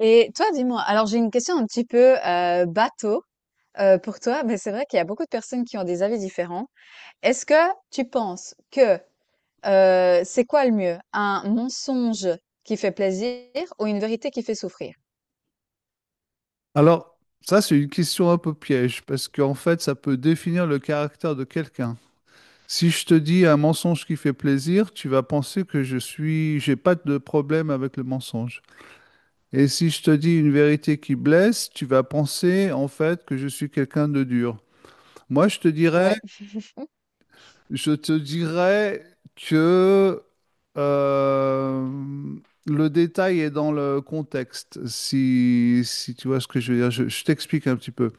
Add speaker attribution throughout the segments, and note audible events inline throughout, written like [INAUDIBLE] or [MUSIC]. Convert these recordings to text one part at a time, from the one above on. Speaker 1: Et toi, dis-moi, alors j'ai une question un petit peu bateau pour toi, mais c'est vrai qu'il y a beaucoup de personnes qui ont des avis différents. Est-ce que tu penses que c'est quoi le mieux? Un mensonge qui fait plaisir ou une vérité qui fait souffrir?
Speaker 2: Alors, ça, c'est une question un peu piège, parce qu'en fait, ça peut définir le caractère de quelqu'un. Si je te dis un mensonge qui fait plaisir, tu vas penser que j'ai pas de problème avec le mensonge. Et si je te dis une vérité qui blesse, tu vas penser en fait que je suis quelqu'un de dur. Moi,
Speaker 1: Ouais.
Speaker 2: je te dirais que euh, le détail est dans le contexte. Si tu vois ce que je veux dire, je t'explique un petit peu.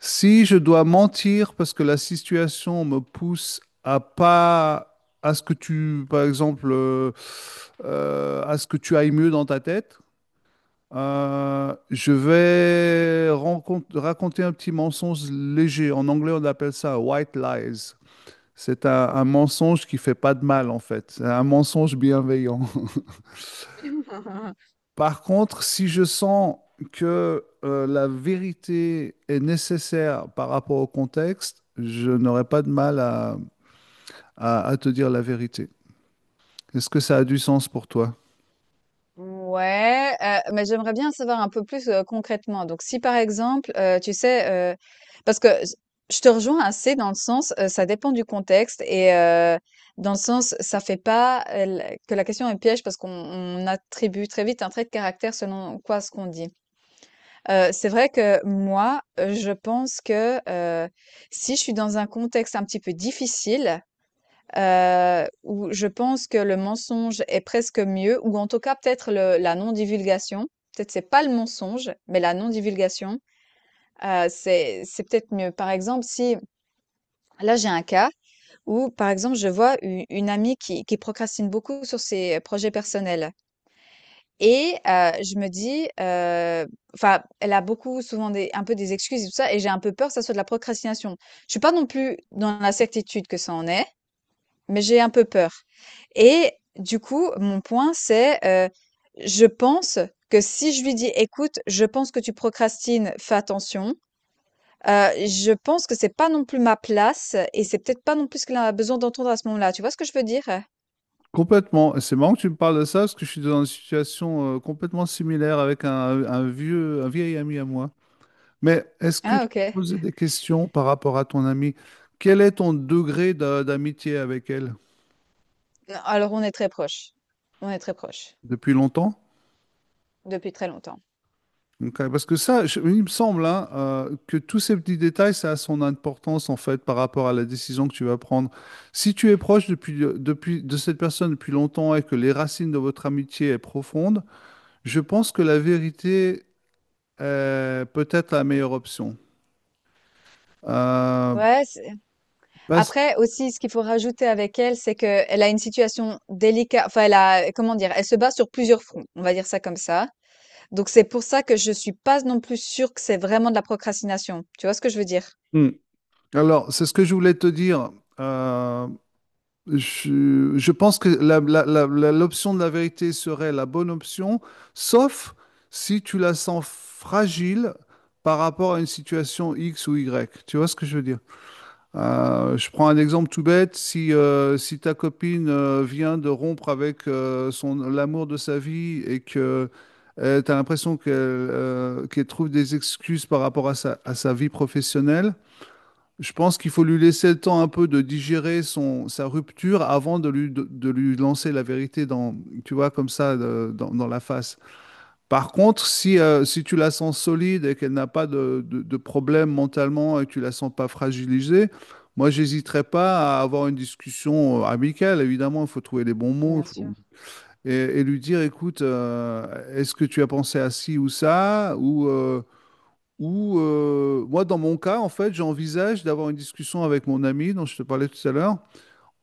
Speaker 2: Si je dois mentir parce que la situation me pousse à pas à ce que tu, par exemple, à ce que tu ailles mieux dans ta tête, je vais raconter un petit mensonge léger. En anglais, on appelle ça white lies. C'est un mensonge qui fait pas de mal en fait. C'est un mensonge bienveillant. Par contre, si je sens que la vérité est nécessaire par rapport au contexte, je n'aurai pas de mal à te dire la vérité. Est-ce que ça a du sens pour toi?
Speaker 1: Ouais, mais j'aimerais bien savoir un peu plus, concrètement. Donc si par exemple, tu sais, parce que j je te rejoins assez dans le sens, ça dépend du contexte et dans le sens, ça fait pas, l que la question est piège parce qu'on attribue très vite un trait de caractère selon quoi ce qu'on dit. C'est vrai que moi, je pense que, si je suis dans un contexte un petit peu difficile, où je pense que le mensonge est presque mieux ou en tout cas peut-être le la non-divulgation. Peut-être c'est pas le mensonge, mais la non-divulgation, c'est peut-être mieux. Par exemple, si là j'ai un cas où par exemple je vois u une amie qui procrastine beaucoup sur ses projets personnels et je me dis, enfin elle a beaucoup souvent des un peu des excuses et tout ça et j'ai un peu peur que ça soit de la procrastination. Je suis pas non plus dans la certitude que ça en est, mais j'ai un peu peur. Et du coup, mon point, c'est, je pense que si je lui dis: «Écoute, je pense que tu procrastines, fais attention», je pense que c'est pas non plus ma place et c'est peut-être pas non plus ce qu'elle a besoin d'entendre à ce moment-là. Tu vois ce que je veux dire?
Speaker 2: Complètement. Et c'est marrant que tu me parles de ça parce que je suis dans une situation complètement similaire avec un vieil ami à moi. Mais est-ce que
Speaker 1: Ah
Speaker 2: je
Speaker 1: OK.
Speaker 2: peux poser des questions par rapport à ton ami? Quel est ton degré d'amitié avec elle?
Speaker 1: Non, alors on est très proches. On est très proches,
Speaker 2: Depuis longtemps?
Speaker 1: depuis très longtemps.
Speaker 2: Donc, parce que ça, il me semble hein, que tous ces petits détails, ça a son importance en fait par rapport à la décision que tu vas prendre. Si tu es proche de cette personne depuis longtemps et que les racines de votre amitié est profonde, je pense que la vérité est peut-être la meilleure option. Euh,
Speaker 1: Ouais, c'est
Speaker 2: parce-
Speaker 1: après aussi, ce qu'il faut rajouter avec elle, c'est que elle a une situation délicate. Enfin, elle a, comment dire? Elle se bat sur plusieurs fronts, on va dire ça comme ça. Donc c'est pour ça que je suis pas non plus sûre que c'est vraiment de la procrastination. Tu vois ce que je veux dire?
Speaker 2: Hmm. Alors, c'est ce que je voulais te dire. Euh, je pense que l'option de la vérité serait la bonne option, sauf si tu la sens fragile par rapport à une situation X ou Y. Tu vois ce que je veux dire? Je prends un exemple tout bête. Si ta copine vient de rompre avec l'amour de sa vie et que tu as l'impression qu'elle trouve des excuses par rapport à à sa vie professionnelle, je pense qu'il faut lui laisser le temps un peu de digérer sa rupture avant de lui lancer la vérité dans, tu vois, comme ça, dans la face. Par contre, si tu la sens solide et qu'elle n'a pas de problème mentalement et que tu la sens pas fragilisée, moi, j'hésiterais pas à avoir une discussion amicale. Évidemment, il faut trouver les bons mots
Speaker 1: Bien sûr.
Speaker 2: faut- Et lui dire, écoute, est-ce que tu as pensé à ci ou ça, ou moi, dans mon cas, en fait, j'envisage d'avoir une discussion avec mon ami dont je te parlais tout à l'heure,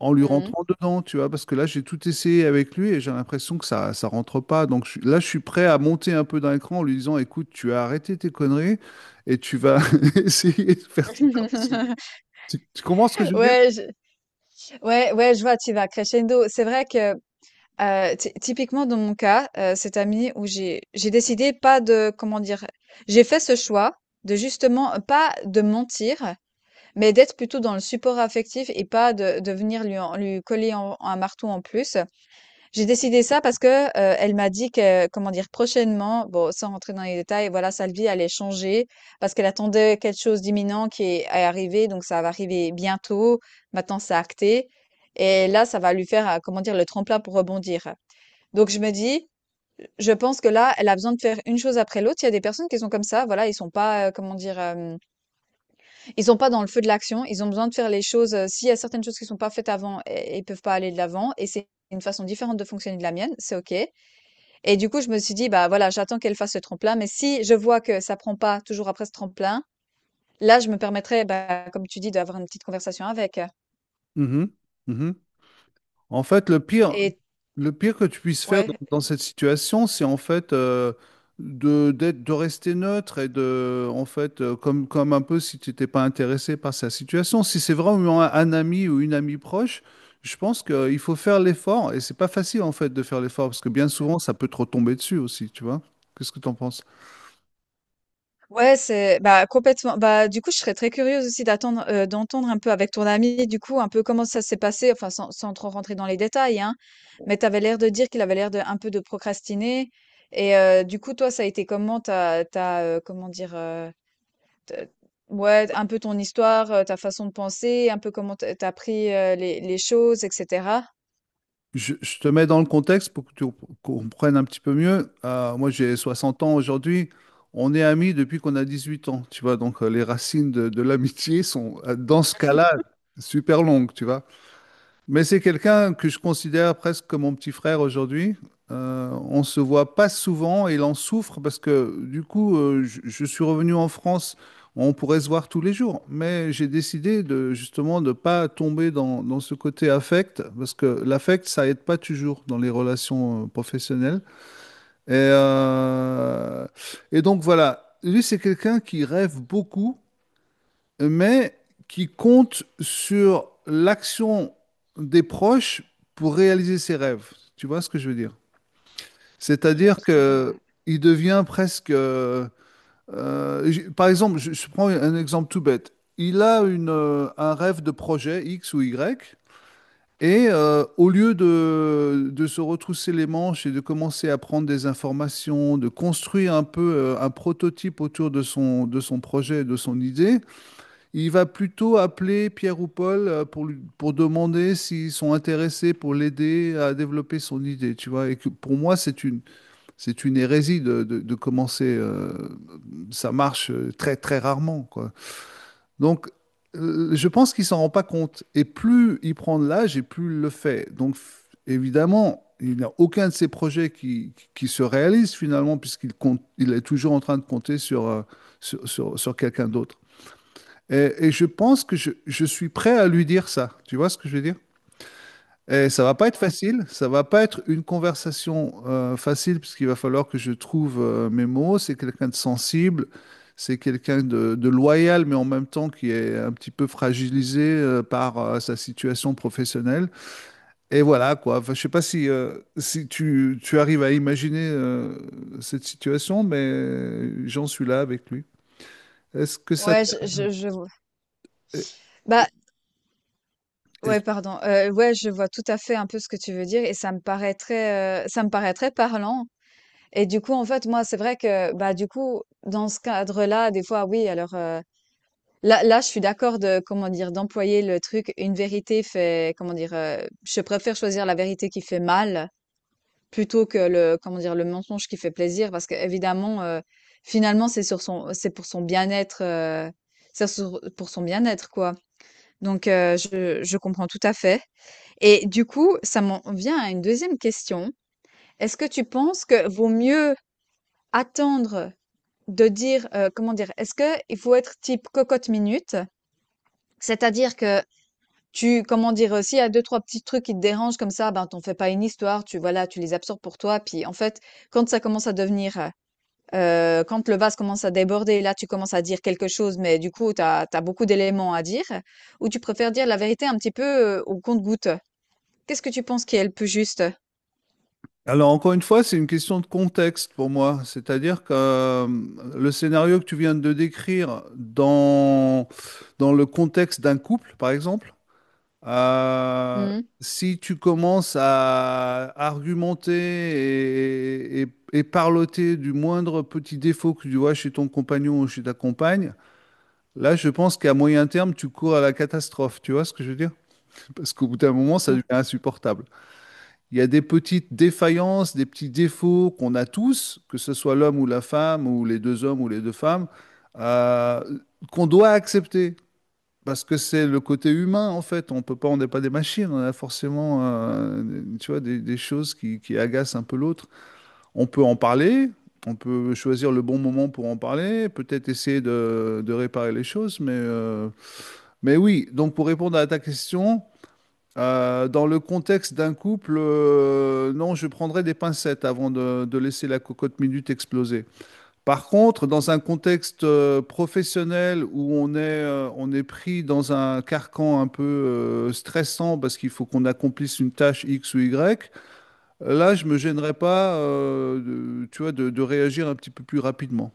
Speaker 2: en lui
Speaker 1: Mmh.
Speaker 2: rentrant dedans, tu vois, parce que là, j'ai tout essayé avec lui et j'ai l'impression que ça rentre pas. Donc là, je suis prêt à monter un peu d'un cran en lui disant, écoute, tu as arrêté tes conneries et tu vas [LAUGHS] essayer de faire ça aussi.
Speaker 1: [LAUGHS]
Speaker 2: Tu comprends ce que je veux dire?
Speaker 1: Ouais, je ouais, ouais, je vois, tu vas crescendo. C'est vrai que, ty typiquement dans mon cas, cette année où j'ai décidé pas de comment dire? J'ai fait ce choix de justement, pas de mentir, mais d'être plutôt dans le support affectif et pas de venir lui en lui coller en un marteau en plus. J'ai décidé ça parce que, elle m'a dit que, comment dire? Prochainement, bon, sans rentrer dans les détails, voilà, sa vie allait changer parce qu'elle attendait quelque chose d'imminent qui est arrivé, donc ça va arriver bientôt. Maintenant, c'est acté et là, ça va lui faire, comment dire? Le tremplin pour rebondir. Donc je me dis, je pense que là, elle a besoin de faire une chose après l'autre. Il y a des personnes qui sont comme ça, voilà, ils sont pas, comment dire? Ils sont pas dans le feu de l'action. Ils ont besoin de faire les choses, s'il y a certaines choses qui sont pas faites avant, ils peuvent pas aller de l'avant et c'est une façon différente de fonctionner de la mienne, c'est OK. Et du coup, je me suis dit: «Bah, voilà, j'attends qu'elle fasse ce tremplin, mais si je vois que ça prend pas toujours après ce tremplin, là, je me permettrai, bah, comme tu dis, d'avoir une petite conversation avec».
Speaker 2: Mhm. Mhm. En fait,
Speaker 1: Et
Speaker 2: le pire que tu puisses faire
Speaker 1: ouais,
Speaker 2: dans cette situation, c'est en fait de rester neutre et en fait, comme un peu si tu n'étais pas intéressé par sa situation. Si c'est vraiment un ami ou une amie proche, je pense qu'il faut faire l'effort. Et c'est pas facile en fait de faire l'effort parce que bien
Speaker 1: mmh,
Speaker 2: souvent, ça peut te retomber dessus aussi, tu vois. Qu'est-ce que tu en penses?
Speaker 1: ouais, c'est bah, complètement. Bah, du coup, je serais très curieuse aussi d'attendre, d'entendre un peu avec ton amie, du coup, un peu comment ça s'est passé, enfin, sans trop rentrer dans les détails, hein. Mais tu avais l'air de dire qu'il avait l'air de un peu de procrastiner et du coup, toi, ça a été comment? T'as, t'as, tu comment dire, Te ouais, un peu ton histoire, ta façon de penser, un peu comment t'as as pris, les choses et cetera?
Speaker 2: Je te mets dans le contexte pour que tu comprennes un petit peu mieux. Moi, j'ai 60 ans aujourd'hui. On est amis depuis qu'on a 18 ans, tu vois. Donc, les racines de l'amitié sont, dans ce cas-là, super longues, tu vois. Mais c'est quelqu'un que je considère presque comme mon petit frère aujourd'hui. On se voit pas souvent et il en souffre parce que du coup, je suis revenu en France. On pourrait se voir tous les jours, mais j'ai décidé de justement de pas tomber dans ce côté affect parce que l'affect ça aide pas toujours dans les relations professionnelles. Et, euh, et donc voilà, lui c'est quelqu'un qui rêve beaucoup mais qui compte sur l'action des proches pour réaliser ses rêves. Tu vois ce que je veux dire?
Speaker 1: Je vois
Speaker 2: C'est-à-dire
Speaker 1: tout à fait, ouais.
Speaker 2: que il devient presque. Par exemple, je prends un exemple tout bête. Il a un rêve de projet X ou Y, et au lieu de se retrousser les manches et de commencer à prendre des informations, de construire un peu un prototype autour de son projet, de son idée, il va plutôt appeler Pierre ou Paul pour demander s'ils sont intéressés pour l'aider à développer son idée, tu vois. Et que pour moi, c'est une hérésie de commencer. Ça marche très, très rarement, quoi. Donc, je pense qu'il s'en rend pas compte. Et plus il prend de l'âge, et plus il le fait. Donc, évidemment, il n'a aucun de ses projets qui se réalise finalement, il est toujours en train de compter sur quelqu'un d'autre. Et je pense que je suis prêt à lui dire ça. Tu vois ce que je veux dire? Et ça va pas être
Speaker 1: Ouais.
Speaker 2: facile, ça va pas être une conversation facile puisqu'il va falloir que je trouve mes mots. C'est quelqu'un de sensible, c'est quelqu'un de loyal, mais en même temps qui est un petit peu fragilisé par sa situation professionnelle. Et voilà quoi. Enfin, je sais pas si tu arrives à imaginer cette situation, mais j'en suis là avec lui. Est-ce que ça
Speaker 1: Ouais, je
Speaker 2: t'aide?
Speaker 1: je je vois. Bah, ouais, pardon, ouais, je vois tout à fait un peu ce que tu veux dire et ça me paraît très, ça me paraît très parlant et du coup, en fait, moi, c'est vrai que, bah, du coup, dans ce cadre-là, des fois, oui, alors, là, je suis d'accord de comment dire? D'employer le truc: «Une vérité fait» comment dire? Je préfère choisir la vérité qui fait mal plutôt que le, comment dire, le mensonge qui fait plaisir, parce qu'évidemment, finalement, c'est pour son bien-être, pour son bien-être, quoi. Donc, je comprends tout à fait. Et du coup, ça m'en vient à une deuxième question. Est-ce que tu penses que vaut mieux attendre de dire, comment dire, est-ce que il faut être type cocotte minute, c'est-à-dire que comment dire, s'il y a deux, trois petits trucs qui te dérangent comme ça, ben, t'en fais pas une histoire, tu, voilà, tu les absorbes pour toi, puis en fait, quand ça commence à devenir quand le vase commence à déborder, là, tu commences à dire quelque chose, mais du coup, tu as beaucoup d'éléments à dire ou tu préfères dire la vérité un petit peu, au compte-gouttes? Qu'est-ce que tu penses qui est le plus juste?
Speaker 2: Alors, encore une fois, c'est une question de contexte pour moi. C'est-à-dire que le scénario que tu viens de décrire dans le contexte d'un couple, par exemple, euh,
Speaker 1: Mmh.
Speaker 2: si tu commences à argumenter et parloter du moindre petit défaut que tu vois chez ton compagnon ou chez ta compagne, là, je pense qu'à moyen terme, tu cours à la catastrophe. Tu vois ce que je veux dire? Parce qu'au bout d'un moment, ça
Speaker 1: Ouais.
Speaker 2: devient insupportable. Il y a des petites défaillances, des petits défauts qu'on a tous, que ce soit l'homme ou la femme, ou les deux hommes ou les deux femmes, euh, qu'on doit accepter. Parce que c'est le côté humain, en fait. On peut pas, on n'est pas des machines. On a forcément, tu vois, des choses qui agacent un peu l'autre. On peut en parler. On peut choisir le bon moment pour en parler, peut-être essayer de réparer les choses, mais oui. Donc, pour répondre à ta question, dans le contexte d'un couple, non, je prendrais des pincettes avant de laisser la cocotte minute exploser. Par contre, dans un contexte professionnel où on est pris dans un carcan un peu stressant parce qu'il faut qu'on accomplisse une tâche X ou Y, là, je me gênerais pas, tu vois, de réagir un petit peu plus rapidement.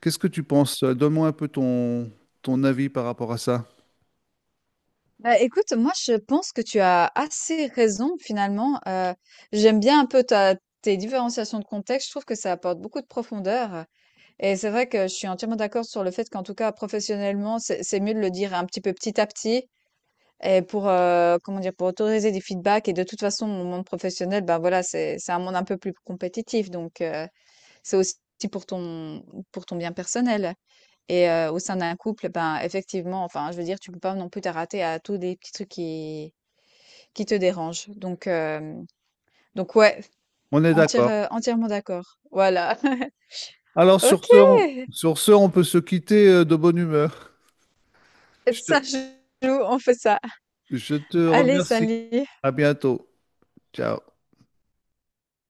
Speaker 2: Qu'est-ce que tu penses? Donne-moi un peu ton avis par rapport à ça.
Speaker 1: Bah, écoute, moi, je pense que tu as assez raison finalement, j'aime bien un peu ta tes différenciations de contexte. Je trouve que ça apporte beaucoup de profondeur et c'est vrai que je suis entièrement d'accord sur le fait qu'en tout cas, professionnellement, c'est mieux de le dire un petit peu petit à petit. Et pour, comment dire? Pour autoriser des feedbacks et de toute façon, mon monde professionnel, ben, voilà, c'est un monde un peu plus compétitif donc c'est aussi pour ton pour ton bien personnel et au sein d'un couple, ben, effectivement, enfin, je veux dire, tu peux pas non plus t'arrêter à tous des petits trucs qui te dérangent donc donc ouais,
Speaker 2: On est d'accord.
Speaker 1: entièrement d'accord. Voilà. [LAUGHS]
Speaker 2: Alors
Speaker 1: OK!
Speaker 2: sur ce, on peut se quitter de bonne humeur. Je
Speaker 1: Ça
Speaker 2: te-
Speaker 1: joue, on fait ça.
Speaker 2: je te
Speaker 1: Allez,
Speaker 2: remercie.
Speaker 1: salut!
Speaker 2: À bientôt. Ciao.